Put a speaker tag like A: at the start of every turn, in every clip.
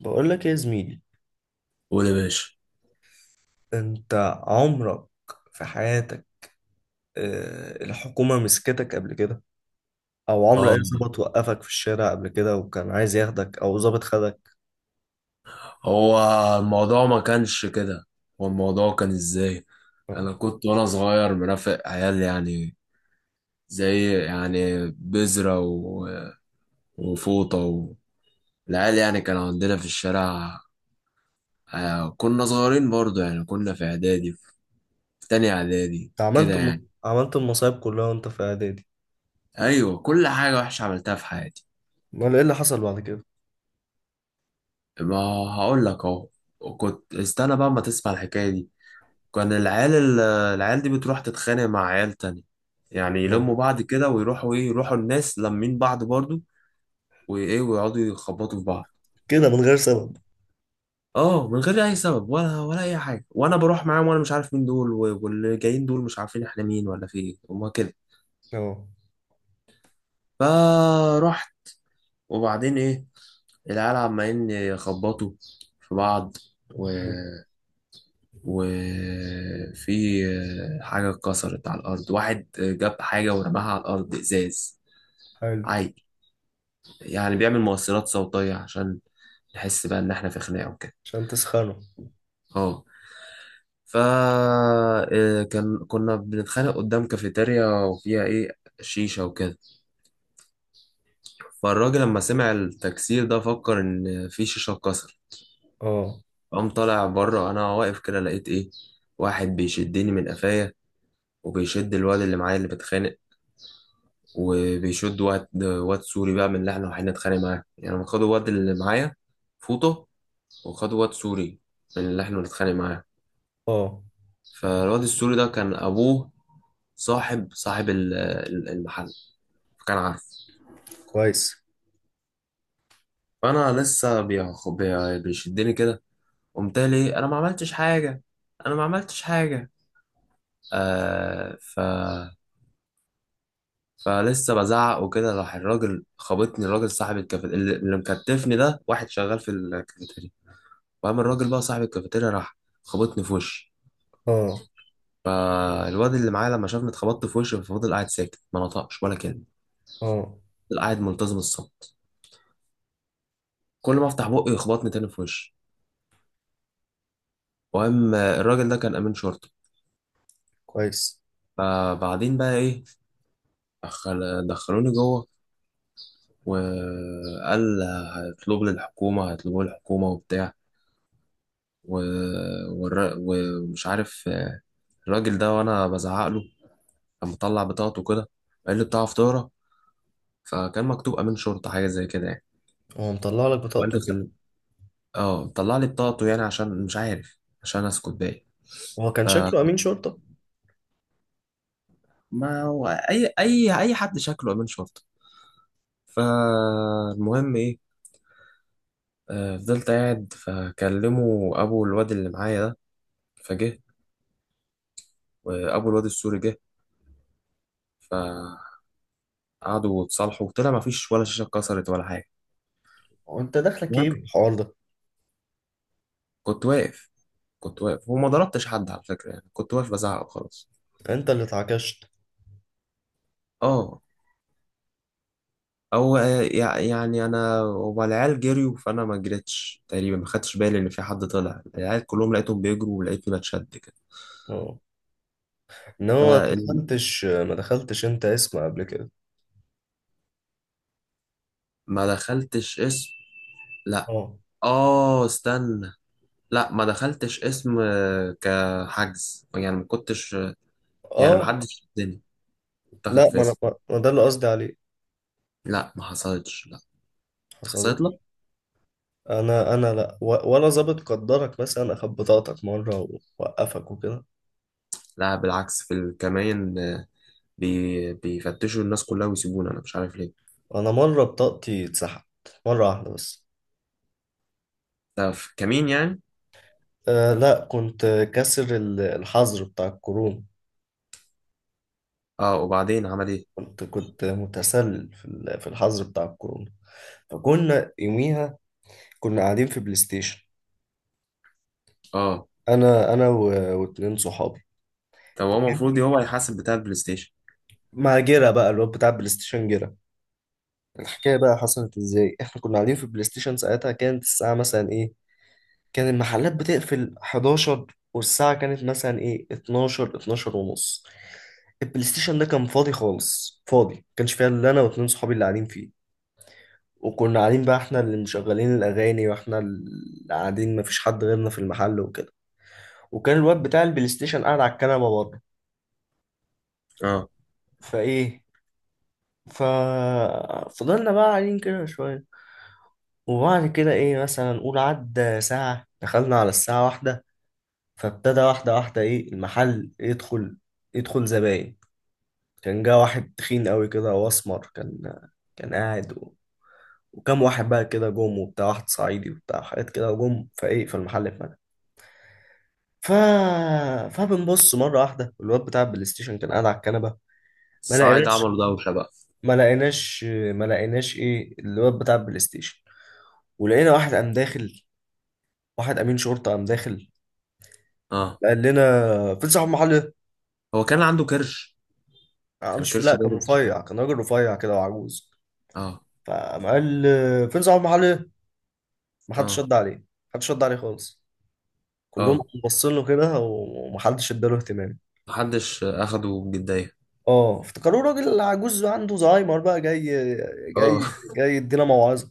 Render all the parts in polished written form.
A: بقول لك إيه يا زميلي؟
B: قول يا باشا.
A: انت عمرك في حياتك، الحكومة مسكتك قبل كده؟ او عمر اي
B: اه،
A: ظابط وقفك في الشارع قبل كده وكان عايز ياخدك او ظابط خدك؟
B: هو الموضوع ما كانش كده. هو الموضوع كان ازاي؟
A: اه.
B: انا كنت وانا صغير مرافق عيال، يعني زي يعني بذرة وفوطة. العيال يعني كان عندنا في الشارع. كنا صغيرين برضو، يعني كنا في اعدادي، في تاني اعدادي
A: انت
B: كده يعني.
A: عملت المصايب كلها وانت في اعدادي؟
B: ايوه، كل حاجة وحشة عملتها في حياتي.
A: امال ايه اللي حصل بعد كده؟
B: ما هقول لك اهو، وكنت استنى بقى ما تسمع الحكاية دي. كان العيال العيال دي بتروح تتخانق مع عيال تانية، يعني
A: اه.
B: يلموا بعض كده ويروحوا ايه، يروحوا الناس لمين بعض برضو، وايه ويقعدوا يخبطوا في بعض.
A: كده من غير سبب؟
B: اه، من غير اي سبب، ولا اي حاجه، وانا بروح معاهم وانا مش عارف مين دول، واللي جايين دول مش عارفين احنا مين ولا في ايه، هما كده
A: اه.
B: فرحت. وبعدين ايه، العيال عمالين يخبطوا في بعض و...
A: حلو.
B: وفي حاجه اتكسرت على الارض، واحد جاب حاجه ورماها على الارض، ازاز.
A: حلو.
B: عاي يعني بيعمل مؤثرات صوتية عشان نحس بقى إن إحنا في خناقة وكده.
A: عشان تسخنه.
B: أه فا آه، كان كنا بنتخانق قدام كافيتيريا، وفيها إيه، شيشة وكده. فالراجل لما سمع التكسير ده فكر إن في شيشة اتكسر.
A: اه.
B: قام طالع بره، أنا واقف كده، لقيت إيه، واحد بيشدني من قفايا، وبيشد الواد اللي معايا اللي بتخانق، وبيشد واد سوري بقى، من اللي احنا رايحين نتخانق معاه. يعني خدوا واد اللي معايا فوطه، وخدوا واد سوري من اللي احنا بنتخانق معاه.
A: اه.
B: فالواد السوري ده كان ابوه صاحب المحل، فكان عارف.
A: كويس.
B: فانا لسه بيشدني كده، قمت لي: انا ما عملتش حاجه، انا ما عملتش حاجه. آه ف فلسه بزعق وكده، راح الراجل خبطني، الراجل صاحب الكافيتيريا اللي مكتفني ده، واحد شغال في الكافيتيريا. فقام الراجل بقى صاحب الكافيتيريا، راح خبطني في وشي.
A: اه.
B: فالواد اللي معايا لما شافني اتخبطت في وشي، ففضل قاعد ساكت، ما نطقش ولا كلمه،
A: اه.
B: فضل قاعد ملتزم الصمت. كل ما افتح بقي يخبطني تاني في وشي. المهم الراجل ده كان امين شرطه.
A: كويس.
B: فبعدين بقى ايه، دخل دخلوني جوه، وقال: هيطلبوا لي الحكومه وبتاع و... ومش عارف. الراجل ده وانا بزعق له، كان مطلع بطاقته كده، قال لي بتاع فطاره، فكان مكتوب امين شرطه حاجه زي كده يعني.
A: هو مطلع لك
B: وقال
A: بطاقته
B: لي
A: ليه؟
B: خل- اه طلع لي بطاقته، يعني عشان مش عارف، عشان اسكت باقي.
A: هو كان شكله امين شرطة؟
B: فما هو اي حد شكله امين شرطه. فالمهم ايه، فضلت قاعد، فكلموا ابو الواد اللي معايا ده، فجه، وابو الواد السوري جه، فقعدوا اتصالحوا، وطلع ما فيش ولا شاشه اتكسرت ولا حاجه.
A: وانت داخلك ايه
B: المهم
A: بالحوار ده؟
B: كنت واقف، كنت واقف وما ضربتش حد على فكره، يعني كنت واقف بزعق وخلاص.
A: انت اللي اتعكشت.
B: اه، يعني انا، هما العيال جريوا، فانا ما جريتش تقريبا، ما خدتش بالي ان في حد طلع. العيال كلهم لقيتهم بيجروا، ولقيتني بتشد كده.
A: اه. ان هو ما
B: فال-
A: دخلتش، ما دخلتش انت اسم قبل كده؟
B: ما دخلتش اسم، لا.
A: اه.
B: اه استنى، لا ما دخلتش اسم كحجز يعني، ما كنتش، يعني ما
A: اه.
B: حدش شدني اتاخد
A: لا
B: في
A: ما انا
B: اسم.
A: ما ده اللي قصدي عليه.
B: لا ما حصلتش، لا. حصلت
A: حصلتش؟
B: لك؟
A: انا انا لا، ولا ظابط قدرك مثلا اخد بطاقتك مره ووقفك وكده؟
B: لا بالعكس، في الكمين آه، بي بيفتشوا الناس كلها ويسيبونا، انا مش عارف ليه.
A: انا مره بطاقتي اتسحبت مره واحده بس.
B: ده في كمين يعني.
A: آه لا، كنت الحظر بتاع الكورونا.
B: اه، وبعدين عمل ايه؟
A: كنت كنت متسلل في الحظر بتاع الكورونا. فكنا يوميها كنا قاعدين في بلاي ستيشن.
B: اه،
A: انا واتنين صحابي
B: طب هو المفروض هو يحاسب بتاع البلاي ستيشن.
A: مع جيرة بقى اللي هو بتاع بلاي ستيشن جيرة. الحكاية بقى حصلت ازاي؟ احنا كنا قاعدين في البلاي ستيشن، ساعتها كانت الساعة مثلا ايه؟ كان المحلات بتقفل 11، والساعة كانت مثلا ايه؟ 12، 12 ونص. البلاي ستيشن ده كان فاضي خالص، فاضي، ما كانش فيها الا انا واتنين صحابي اللي قاعدين فيه. وكنا قاعدين بقى احنا اللي مشغلين الاغاني واحنا اللي قاعدين، مفيش حد غيرنا في المحل وكده. وكان الواد بتاع البلاي ستيشن قاعد على الكنبة بره.
B: اه،
A: فايه، ف فضلنا بقى قاعدين كده شوية. وبعد كده ايه، مثلا نقول عدى ساعة دخلنا على الساعة واحدة. فابتدى واحدة واحدة ايه المحل يدخل، يدخل زباين. كان جه واحد تخين قوي كده واسمر، كان كان قاعد و... وكم واحد بقى كده جم وبتاع، واحد صعيدي وبتاع حاجات كده جم، فايه، فالمحل اتملى. ف... فبنبص مرة واحدة الواد بتاع البلاي ستيشن كان قاعد على الكنبة، ما
B: الصعايدة
A: لقيناش،
B: عملوا دوشة بقى.
A: ما لقيناش، ما لقيناش ايه الواد بتاع البلاي ستيشن. ولقينا واحد قام داخل، واحد امين شرطة قام داخل.
B: اه،
A: قال لنا في صاحب محل ايه؟
B: هو كان عنده كرش؟
A: أنا
B: كان
A: مش، لا
B: كرشه
A: كان
B: بارد
A: رفيع،
B: شوية.
A: كان راجل رفيع كده وعجوز.
B: اه.
A: فقام قال فين صاحب محل ايه؟ محدش
B: اه.
A: رد عليه. محدش رد عليه خالص، كلهم
B: اه،
A: باصين له كده ومحدش اداله اهتمام.
B: محدش اخده بجدية.
A: اه افتكروه راجل عجوز عنده زهايمر، بقى جاي، جاي،
B: اه.
A: جاي يدينا موعظه.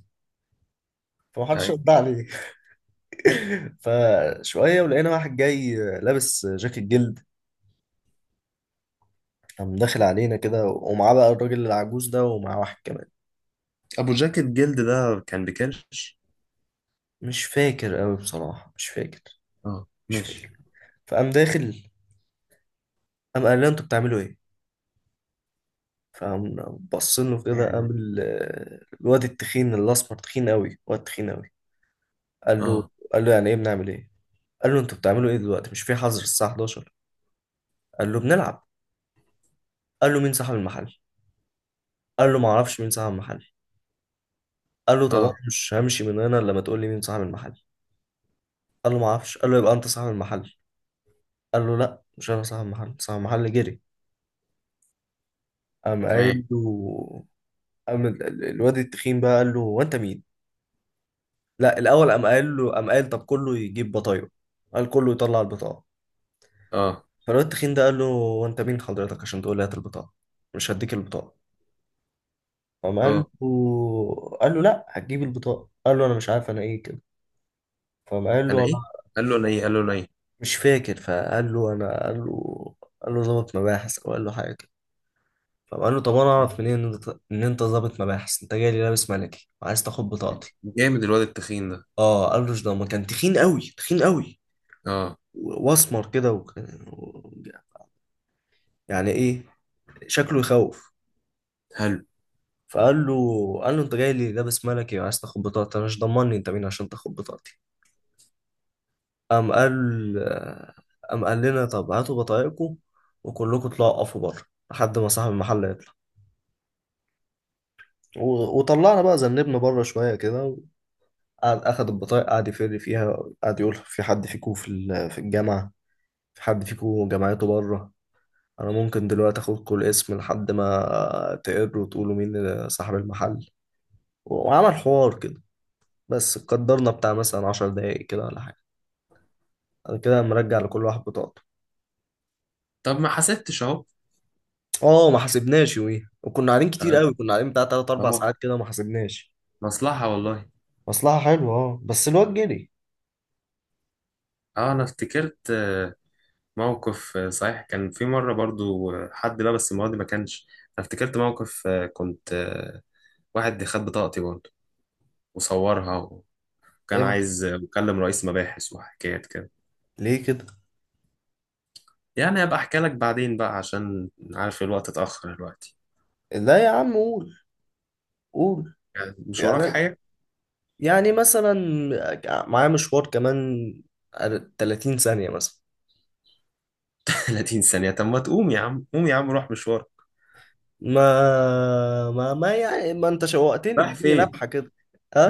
A: فمحدش رد عليه. فشويه ولقينا واحد جاي لابس جاكيت جلد، قام داخل علينا كده ومعاه بقى الراجل العجوز ده ومعاه واحد كمان.
B: ابو جاكيت جلد ده كان بكرش؟
A: مش فاكر قوي بصراحه، مش فاكر،
B: اه
A: مش فاكر.
B: ماشي.
A: فقام داخل، قام قال له انتوا بتعملوا ايه. فقام بص له كده، قام
B: يعني.
A: الواد التخين الاسمر، تخين قوي، واد تخين قوي. قال له،
B: اه.
A: قال له يعني ايه بنعمل ايه؟ قال له انتوا بتعملوا ايه دلوقتي؟ مش في حظر الساعه 11؟ قال له بنلعب. قال له مين صاحب المحل؟ قال له ما اعرفش مين صاحب المحل. قال له طب انا
B: اه.
A: مش همشي من هنا الا ما تقول لي مين صاحب المحل. قال له ما اعرفش. قال له يبقى انت صاحب المحل. قال له لا، مش انا صاحب المحل، صاحب المحل جري. قام
B: تمام.
A: قايل له، قام الواد التخين بقى قال له هو انت مين؟ لا الاول قام قال له، قام قال طب كله يجيب بطايق، قال كله يطلع البطاقه.
B: اه.
A: فالواد التخين ده قال له وانت مين حضرتك عشان تقول لي هات البطاقه؟ مش هديك البطاقه. فقام قال له،
B: اه،
A: قال له لا هتجيب البطاقه. قال له انا مش عارف انا ايه كده. فقام قال له
B: انا
A: انا،
B: ايه؟ قال له انا ايه؟ قال له انا ايه؟
A: مش فاكر. فقال له انا، قال له، قال له ظابط مباحث او قال له حاجه كده. فقام قال له طب انا اعرف منين ان انت إن أنت ظابط مباحث؟ انت جاي لي لابس ملكي وعايز تاخد بطاقتي؟
B: جامد الواد التخين ده.
A: اه قال له، ده ما كان تخين قوي، تخين قوي
B: اه.
A: واسمر كده، يعني ايه، شكله يخوف.
B: حلو.
A: فقال له، قال له انت جاي لي لابس ملكي وعايز تاخد بطاقتي، انا مش ضمني انت مين عشان تاخد بطاقتي. قام قال، قام قال لنا طب هاتوا بطايقكم وكلكم اطلعوا اقفوا بره لحد ما صاحب المحل يطلع. وطلعنا بقى ذنبنا بره شويه كده. قعد اخد البطايق، قعد يفر فيها، قعد يقول في حد فيكم في الجامعه؟ في حد فيكم جامعته بره؟ انا ممكن دلوقتي اخدكم الاسم لحد ما تقروا وتقولوا مين صاحب المحل. وعمل حوار كده. بس قدرنا بتاع مثلا 10 دقايق كده ولا حاجه، بعد كده مرجع لكل واحد بطاقته.
B: طب ما حسبتش اهو.
A: اه ما حسبناش يوميها، وكنا قاعدين كتير
B: اه.
A: قوي، كنا قاعدين بتاع 3 4
B: آه.
A: ساعات كده، ما حسبناش.
B: مصلحة والله.
A: مصلحه حلوه اه، بس الواد جري.
B: اه، انا افتكرت موقف، صحيح، كان في مرة برضو، حد لبس، المرة دي ما كانش. انا افتكرت موقف، كنت، واحد خد بطاقتي برضو وصورها، وكان
A: امتى؟
B: عايز يكلم رئيس مباحث وحكايات كده.
A: ليه كده؟
B: يعني هبقى احكي لك بعدين بقى، عشان عارف الوقت اتأخر دلوقتي،
A: لا يا عم قول، قول.
B: يعني مش وراك
A: يعني،
B: حاجة.
A: يعني مثلا، معايا مشوار كمان 30 ثانيه مثلا.
B: 30 ثانية؟ طب ما تقوم يا عم، قوم يا عم روح مشوارك.
A: ما يعني ما انت شوقتني،
B: رايح
A: اديني
B: فين؟
A: لمحه كده.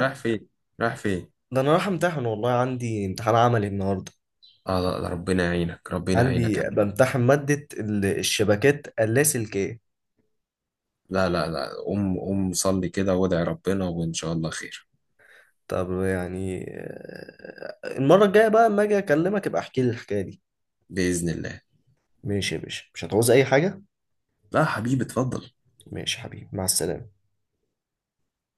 B: رايح فين؟ رايح فين؟
A: ده انا رايح امتحن والله، عندي امتحان عملي النهارده.
B: اه لا لا، ربنا يعينك، ربنا يعينك.
A: عندي بمتحن مادة الشبكات اللاسلكية.
B: لا لا لا، قوم قوم، صلي كده وادعي ربنا، وان شاء الله خير.
A: طب يعني المرة الجاية بقى اما اجي اكلمك ابقى احكي لي الحكاية دي.
B: بإذن الله.
A: ماشي يا باشا، مش هتعوز اي حاجة؟
B: لا حبيبي، اتفضل.
A: ماشي يا حبيبي، مع السلامة.